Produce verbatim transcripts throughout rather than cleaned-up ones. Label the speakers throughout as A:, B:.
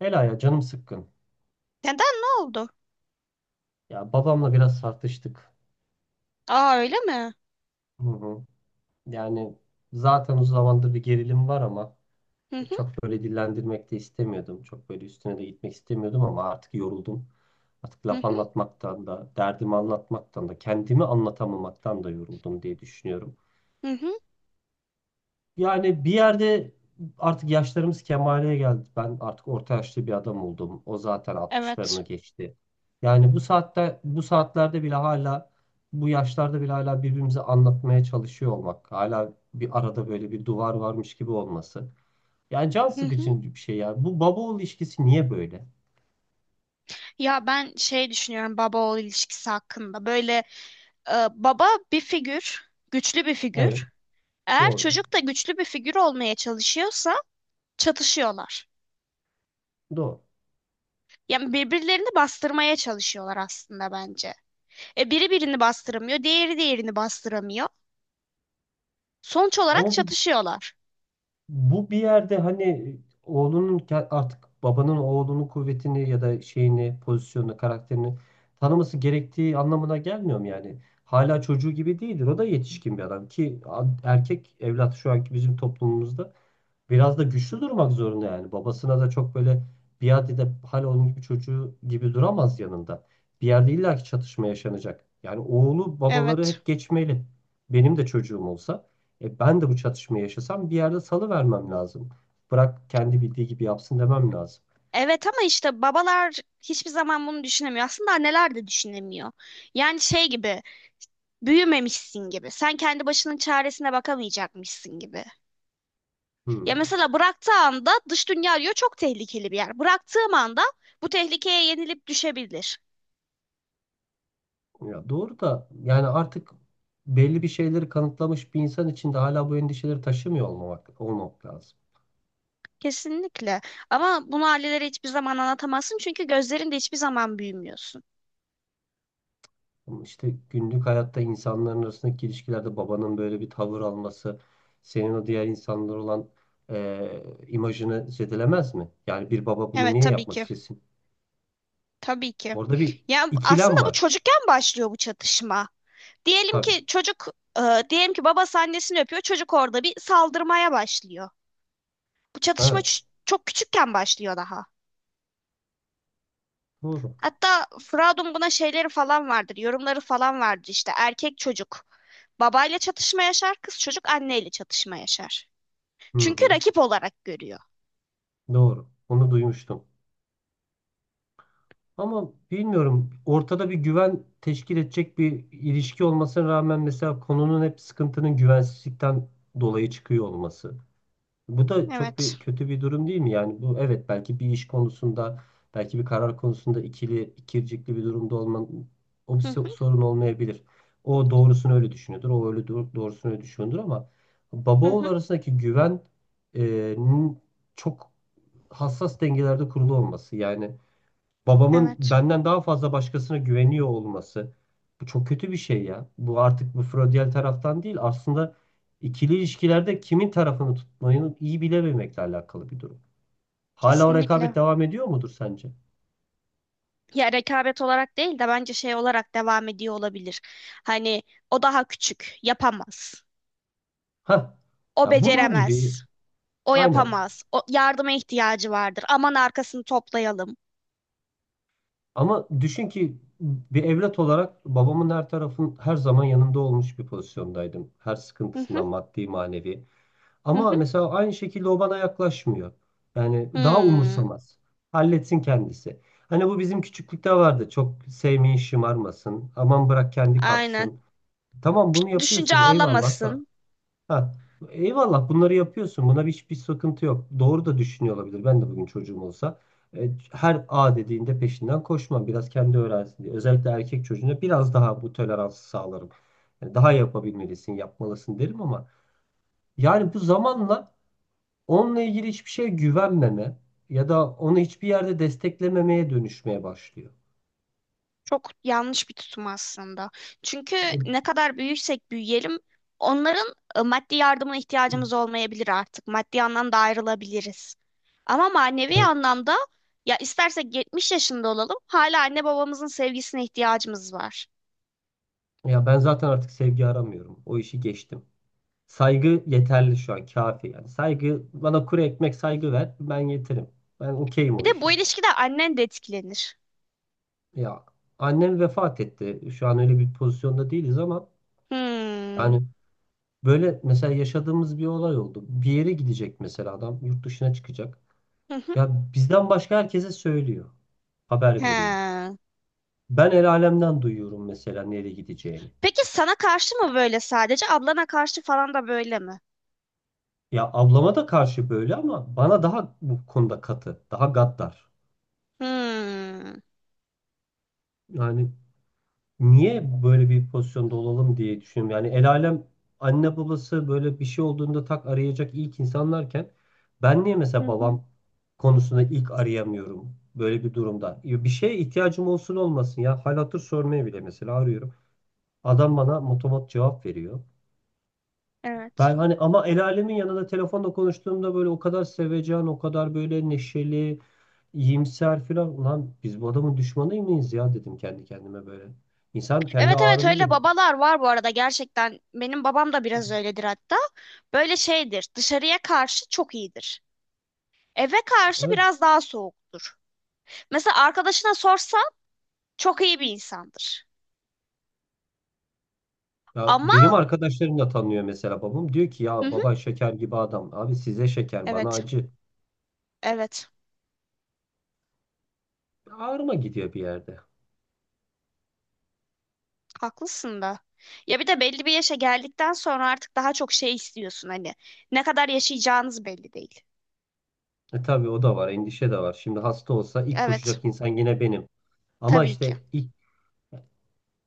A: Ela ya canım sıkkın.
B: Neden, ne oldu?
A: Ya babamla biraz tartıştık.
B: Aa, öyle mi?
A: Hı hı. Yani Zaten uzun zamandır bir gerilim var ama
B: Hı hı,
A: çok böyle dillendirmek de istemiyordum. Çok böyle üstüne de gitmek istemiyordum ama artık yoruldum. Artık
B: hı
A: laf
B: hı,
A: anlatmaktan da, derdimi anlatmaktan da, kendimi anlatamamaktan da yoruldum diye düşünüyorum.
B: hı hı,
A: Yani bir yerde artık yaşlarımız kemale geldi. Ben artık orta yaşlı bir adam oldum. O zaten
B: evet.
A: altmışlarını geçti. Yani bu saatte bu saatlerde bile hala bu yaşlarda bile hala birbirimize anlatmaya çalışıyor olmak. Hala bir arada böyle bir duvar varmış gibi olması. Yani can
B: Hı hı.
A: sıkıcı bir şey ya. Bu baba oğul ilişkisi niye böyle?
B: Ya ben şey düşünüyorum baba oğul ilişkisi hakkında. Böyle e, baba bir figür, güçlü bir
A: Evet,
B: figür. Eğer
A: doğru.
B: çocuk da güçlü bir figür olmaya çalışıyorsa çatışıyorlar.
A: Doğru.
B: Yani birbirlerini bastırmaya çalışıyorlar aslında bence. E, biri birini bastıramıyor, diğeri diğerini bastıramıyor. Sonuç olarak
A: Ama bu
B: çatışıyorlar.
A: Bu bir yerde hani oğlunun ke- artık babanın oğlunun kuvvetini ya da şeyini, pozisyonunu, karakterini tanıması gerektiği anlamına gelmiyor mu yani? Hala çocuğu gibi değildir. O da yetişkin bir adam ki a- erkek evlat şu anki bizim toplumumuzda biraz da güçlü durmak zorunda yani. Babasına da çok böyle biat edip hala onun gibi çocuğu gibi duramaz yanında. Bir yerde illaki çatışma yaşanacak. Yani oğlu babaları
B: Evet.
A: hep geçmeli. Benim de çocuğum olsa e, ben de bu çatışmayı yaşasam bir yerde salıvermem lazım. Bırak kendi bildiği gibi yapsın demem lazım.
B: Evet ama işte babalar hiçbir zaman bunu düşünemiyor. Aslında anneler de düşünemiyor. Yani şey gibi büyümemişsin gibi. Sen kendi başının çaresine bakamayacakmışsın gibi. Ya
A: Hmm.
B: mesela bıraktığı anda dış dünya diyor çok tehlikeli bir yer. Bıraktığım anda bu tehlikeye yenilip düşebilir.
A: Ya doğru da yani artık belli bir şeyleri kanıtlamış bir insan için de hala bu endişeleri taşımıyor olmamak, olmak lazım.
B: Kesinlikle. Ama bunu ailelere hiçbir zaman anlatamazsın çünkü gözlerinde hiçbir zaman büyümüyorsun.
A: Ama İşte günlük hayatta insanların arasındaki ilişkilerde babanın böyle bir tavır alması senin o diğer insanlar olan eee, imajını zedelemez mi? Yani bir baba bunu
B: Evet,
A: niye
B: tabii
A: yapmak
B: ki.
A: istesin?
B: Tabii ki.
A: Orada bir
B: Yani aslında
A: ikilem
B: bu
A: var.
B: çocukken başlıyor bu çatışma. Diyelim
A: Tabii.
B: ki çocuk, e, diyelim ki babası annesini öpüyor, çocuk orada bir saldırmaya başlıyor. Bu çatışma
A: Evet.
B: ç- çok küçükken başlıyor daha.
A: Doğru.
B: Hatta Freud'un buna şeyleri falan vardır, yorumları falan vardır işte. Erkek çocuk babayla çatışma yaşar, kız çocuk anneyle çatışma yaşar.
A: Hı
B: Çünkü
A: hı.
B: rakip olarak görüyor.
A: Doğru. Onu duymuştum. Ama bilmiyorum ortada bir güven teşkil edecek bir ilişki olmasına rağmen mesela konunun hep sıkıntının güvensizlikten dolayı çıkıyor olması. Bu da çok
B: Evet.
A: bir kötü bir durum değil mi? Yani bu evet belki bir iş konusunda, belki bir karar konusunda ikili, ikircikli bir durumda olman o bir
B: Hı hı,
A: so- sorun olmayabilir. O doğrusunu öyle düşünüyordur, o öyle doğ- doğrusunu öyle düşünüyordur ama baba
B: hı
A: oğul
B: hı.
A: arasındaki güven e, nin çok hassas dengelerde kurulu olması. Yani babamın
B: Evet.
A: benden daha fazla başkasına güveniyor olması bu çok kötü bir şey ya. Bu artık bu Freudiyen taraftan değil aslında ikili ilişkilerde kimin tarafını tutmayı iyi bilememekle alakalı bir durum. Hala o rekabet
B: Kesinlikle.
A: devam ediyor mudur sence?
B: Ya rekabet olarak değil de bence şey olarak devam ediyor olabilir. Hani o daha küçük, yapamaz.
A: Ha,
B: O
A: ya bunun gibi
B: beceremez. O
A: aynen.
B: yapamaz. O yardıma ihtiyacı vardır. Aman arkasını toplayalım.
A: Ama düşün ki bir evlat olarak babamın her tarafın her zaman yanında olmuş bir pozisyondaydım. Her
B: Hı hı,
A: sıkıntısından maddi manevi.
B: hı hı.
A: Ama mesela aynı şekilde o bana yaklaşmıyor. Yani daha
B: Hmm,
A: umursamaz. Halletsin kendisi. Hani bu bizim küçüklükte vardı. Çok sevmeyin şımarmasın. Aman bırak kendi
B: aynen.
A: kalksın. Tamam bunu
B: Düşünce
A: yapıyorsun eyvallah da.
B: ağlamasın.
A: Ha, eyvallah bunları yapıyorsun. Buna hiçbir sıkıntı yok. Doğru da düşünüyor olabilir. Ben de bugün çocuğum olsa. e, Her A dediğinde peşinden koşmam. Biraz kendi öğrensin diye. Özellikle erkek çocuğuna biraz daha bu toleransı sağlarım. Yani daha Yapabilmelisin, yapmalısın derim ama yani bu zamanla onunla ilgili hiçbir şeye güvenmeme ya da onu hiçbir yerde desteklememeye dönüşmeye başlıyor.
B: Çok yanlış bir tutum aslında. Çünkü
A: E,
B: ne kadar büyürsek büyüyelim, onların e, maddi yardımına ihtiyacımız olmayabilir artık. Maddi anlamda ayrılabiliriz. Ama manevi
A: Evet.
B: anlamda ya istersek yetmiş yaşında olalım, hala anne babamızın sevgisine ihtiyacımız var.
A: Ya ben zaten artık sevgi aramıyorum. O işi geçtim. Saygı yeterli şu an, kafi yani. Saygı bana kuru ekmek saygı ver, ben yeterim. Ben okeyim
B: Bir
A: o
B: de bu
A: işe.
B: ilişkide annen de etkilenir.
A: Ya annem vefat etti. Şu an öyle bir pozisyonda değiliz ama
B: Hmm.
A: yani böyle mesela yaşadığımız bir olay oldu. Bir yere gidecek mesela adam, yurt dışına çıkacak.
B: Hı hı.
A: Ya bizden başka herkese söylüyor, haber veriyor.
B: He.
A: Ben el alemden duyuyorum mesela nereye gideceğini.
B: Peki sana karşı mı böyle sadece, ablana karşı falan da böyle mi?
A: Ya ablama da karşı böyle ama bana daha bu konuda katı, daha gaddar.
B: Hmm.
A: Yani niye böyle bir pozisyonda olalım diye düşünüyorum. Yani el alem anne babası böyle bir şey olduğunda tak arayacak ilk insanlarken ben niye
B: Hı
A: mesela
B: hı.
A: babam konusunda ilk arayamıyorum böyle bir durumda. Ya bir şeye ihtiyacım olsun olmasın ya hal hatır sormaya bile mesela arıyorum. Adam bana motomot cevap veriyor.
B: Evet.
A: Ben hani ama el alemin yanında telefonla konuştuğumda böyle o kadar sevecen, o kadar böyle neşeli, iyimser filan. Ulan biz bu adamın düşmanı mıyız ya dedim kendi kendime böyle. İnsan kendi
B: Evet, evet,
A: ağrını da
B: öyle
A: gidiyor.
B: babalar var bu arada gerçekten. Benim babam da biraz öyledir hatta. Böyle şeydir. Dışarıya karşı çok iyidir. Eve karşı
A: Evet.
B: biraz daha soğuktur. Mesela arkadaşına sorsan çok iyi bir insandır.
A: Ya
B: Ama
A: benim arkadaşlarım da tanıyor mesela babam. Diyor ki ya
B: hı hı,
A: baba şeker gibi adam. Abi size şeker bana
B: evet,
A: acı.
B: evet,
A: Ağrıma gidiyor bir yerde.
B: haklısın da. Ya bir de belli bir yaşa geldikten sonra artık daha çok şey istiyorsun hani. Ne kadar yaşayacağınız belli değil.
A: E tabii o da var, endişe de var. Şimdi hasta olsa ilk
B: Evet,
A: koşacak insan yine benim. Ama
B: tabii ki.
A: işte ilk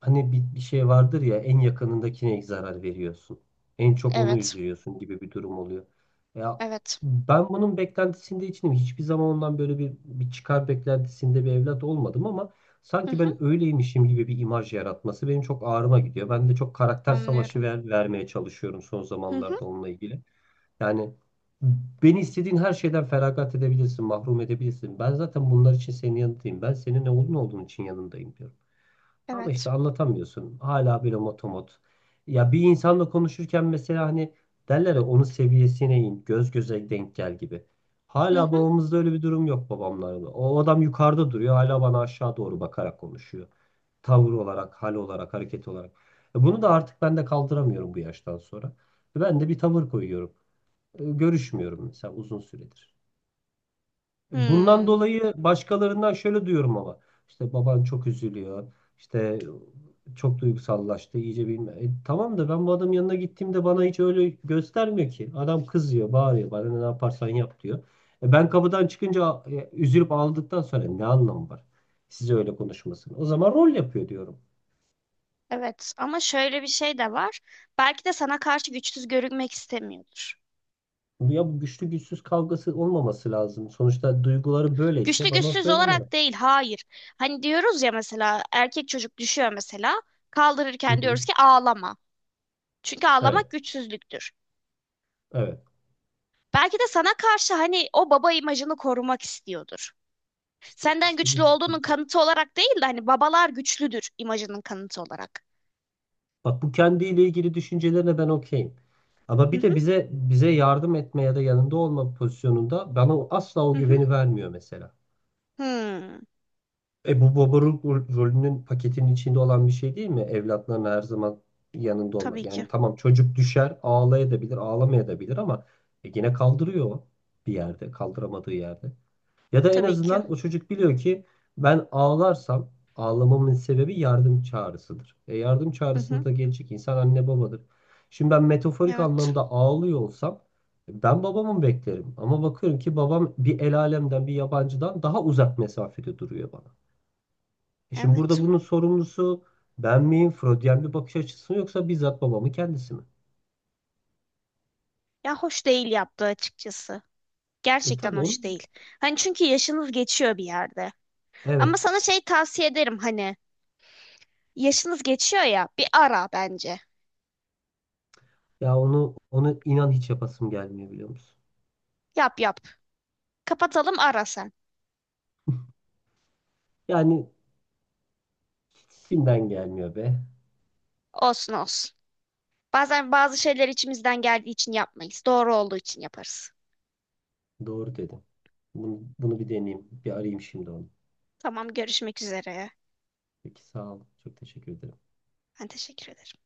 A: Hani bir, bir şey vardır ya en yakınındakine zarar veriyorsun. En çok onu
B: Evet,
A: üzüyorsun gibi bir durum oluyor. Ya
B: evet.
A: ben bunun beklentisinde içinim. Hiçbir zaman ondan böyle bir, bir çıkar beklentisinde bir evlat olmadım ama
B: Hı
A: sanki
B: hı,
A: ben öyleymişim gibi bir imaj yaratması benim çok ağrıma gidiyor. Ben de çok karakter savaşı
B: anlıyorum.
A: ver, vermeye çalışıyorum son
B: Hı hı,
A: zamanlarda onunla ilgili. Yani beni istediğin her şeyden feragat edebilirsin, mahrum edebilirsin. Ben zaten bunlar için senin yanındayım. Ben senin ne olduğunu olduğun için yanındayım diyorum. Ama
B: evet.
A: işte anlatamıyorsun. Hala böyle motomot. Ya bir insanla konuşurken mesela hani derler ya onun seviyesine in, göz göze denk gel gibi.
B: Hı
A: Hala
B: hı.
A: babamızda öyle bir durum yok babamlarda. O adam yukarıda duruyor, hala bana aşağı doğru bakarak konuşuyor. Tavır olarak, hal olarak, hareket olarak. E Bunu da artık ben de kaldıramıyorum bu yaştan sonra. Ben de bir tavır koyuyorum. E, Görüşmüyorum mesela uzun süredir. Bundan
B: Hmm.
A: dolayı başkalarından şöyle duyuyorum ama işte baban çok üzülüyor. İşte çok duygusallaştı iyice bilme. E, tamam da ben bu adamın yanına gittiğimde bana hiç öyle göstermiyor ki. Adam kızıyor, bağırıyor bana ne yaparsan yap diyor. E, ben kapıdan çıkınca e, üzülüp ağladıktan sonra ne anlamı var? Size öyle konuşmasın. O zaman rol yapıyor diyorum.
B: Evet ama şöyle bir şey de var. Belki de sana karşı güçsüz görünmek istemiyordur.
A: Ya bu güçlü güçsüz kavgası olmaması lazım. Sonuçta duyguları böyleyse
B: Güçlü
A: bana
B: güçsüz
A: söylemeli.
B: olarak değil, hayır. Hani diyoruz ya mesela erkek çocuk düşüyor mesela
A: Hı
B: kaldırırken
A: hı.
B: diyoruz ki ağlama. Çünkü ağlamak
A: Evet,
B: güçsüzlüktür.
A: evet.
B: Belki de sana karşı hani o baba imajını korumak istiyordur.
A: İşte,
B: Senden
A: işte
B: güçlü
A: bu
B: olduğunun
A: sıkıntı.
B: kanıtı olarak değil de hani babalar güçlüdür imajının kanıtı olarak.
A: Bak bu kendiyle ilgili düşüncelerine ben okeyim. Ama
B: Hı
A: bir
B: hı,
A: de bize bize yardım etme ya da yanında olma pozisyonunda bana o- asla o
B: hı hı.
A: güveni vermiyor mesela.
B: Hmm,
A: E bu baba ro- Rolünün paketinin içinde olan bir şey değil mi? Evlatların her zaman yanında olmak.
B: tabii ki.
A: Yani tamam çocuk düşer, ağlayabilir, ağlamayabilir ama e, yine kaldırıyor o bir yerde, kaldıramadığı yerde. Ya da en
B: Tabii ki.
A: azından o çocuk biliyor ki ben ağlarsam ağlamamın sebebi yardım çağrısıdır. E yardım
B: Hı hı.
A: çağrısında da gelecek insan anne babadır. Şimdi ben metaforik
B: Evet.
A: anlamda ağlıyor olsam ben babamı beklerim. Ama bakıyorum ki babam bir el alemden bir yabancıdan daha uzak mesafede duruyor bana. E şimdi
B: Evet.
A: burada bunun sorumlusu ben miyim? Freudyen bir bakış açısı mı yoksa bizzat babamın kendisi mi?
B: Ya hoş değil yaptığı açıkçası.
A: E
B: Gerçekten
A: tabii onu
B: hoş değil. Hani çünkü yaşınız geçiyor bir yerde.
A: Evet.
B: Ama sana şey tavsiye ederim hani yaşınız geçiyor ya bir ara bence.
A: Ya onu onu inan hiç yapasım gelmiyor biliyor musun?
B: Yap, yap. Kapatalım, ara sen.
A: Yani hiç içimden gelmiyor be.
B: Olsun, olsun. Bazen bazı şeyler içimizden geldiği için yapmayız. Doğru olduğu için yaparız.
A: Doğru dedim. Bunu, bunu bir deneyeyim. Bir arayayım şimdi onu.
B: Tamam, görüşmek üzere.
A: Peki sağ ol. Çok teşekkür ederim.
B: Ben teşekkür ederim.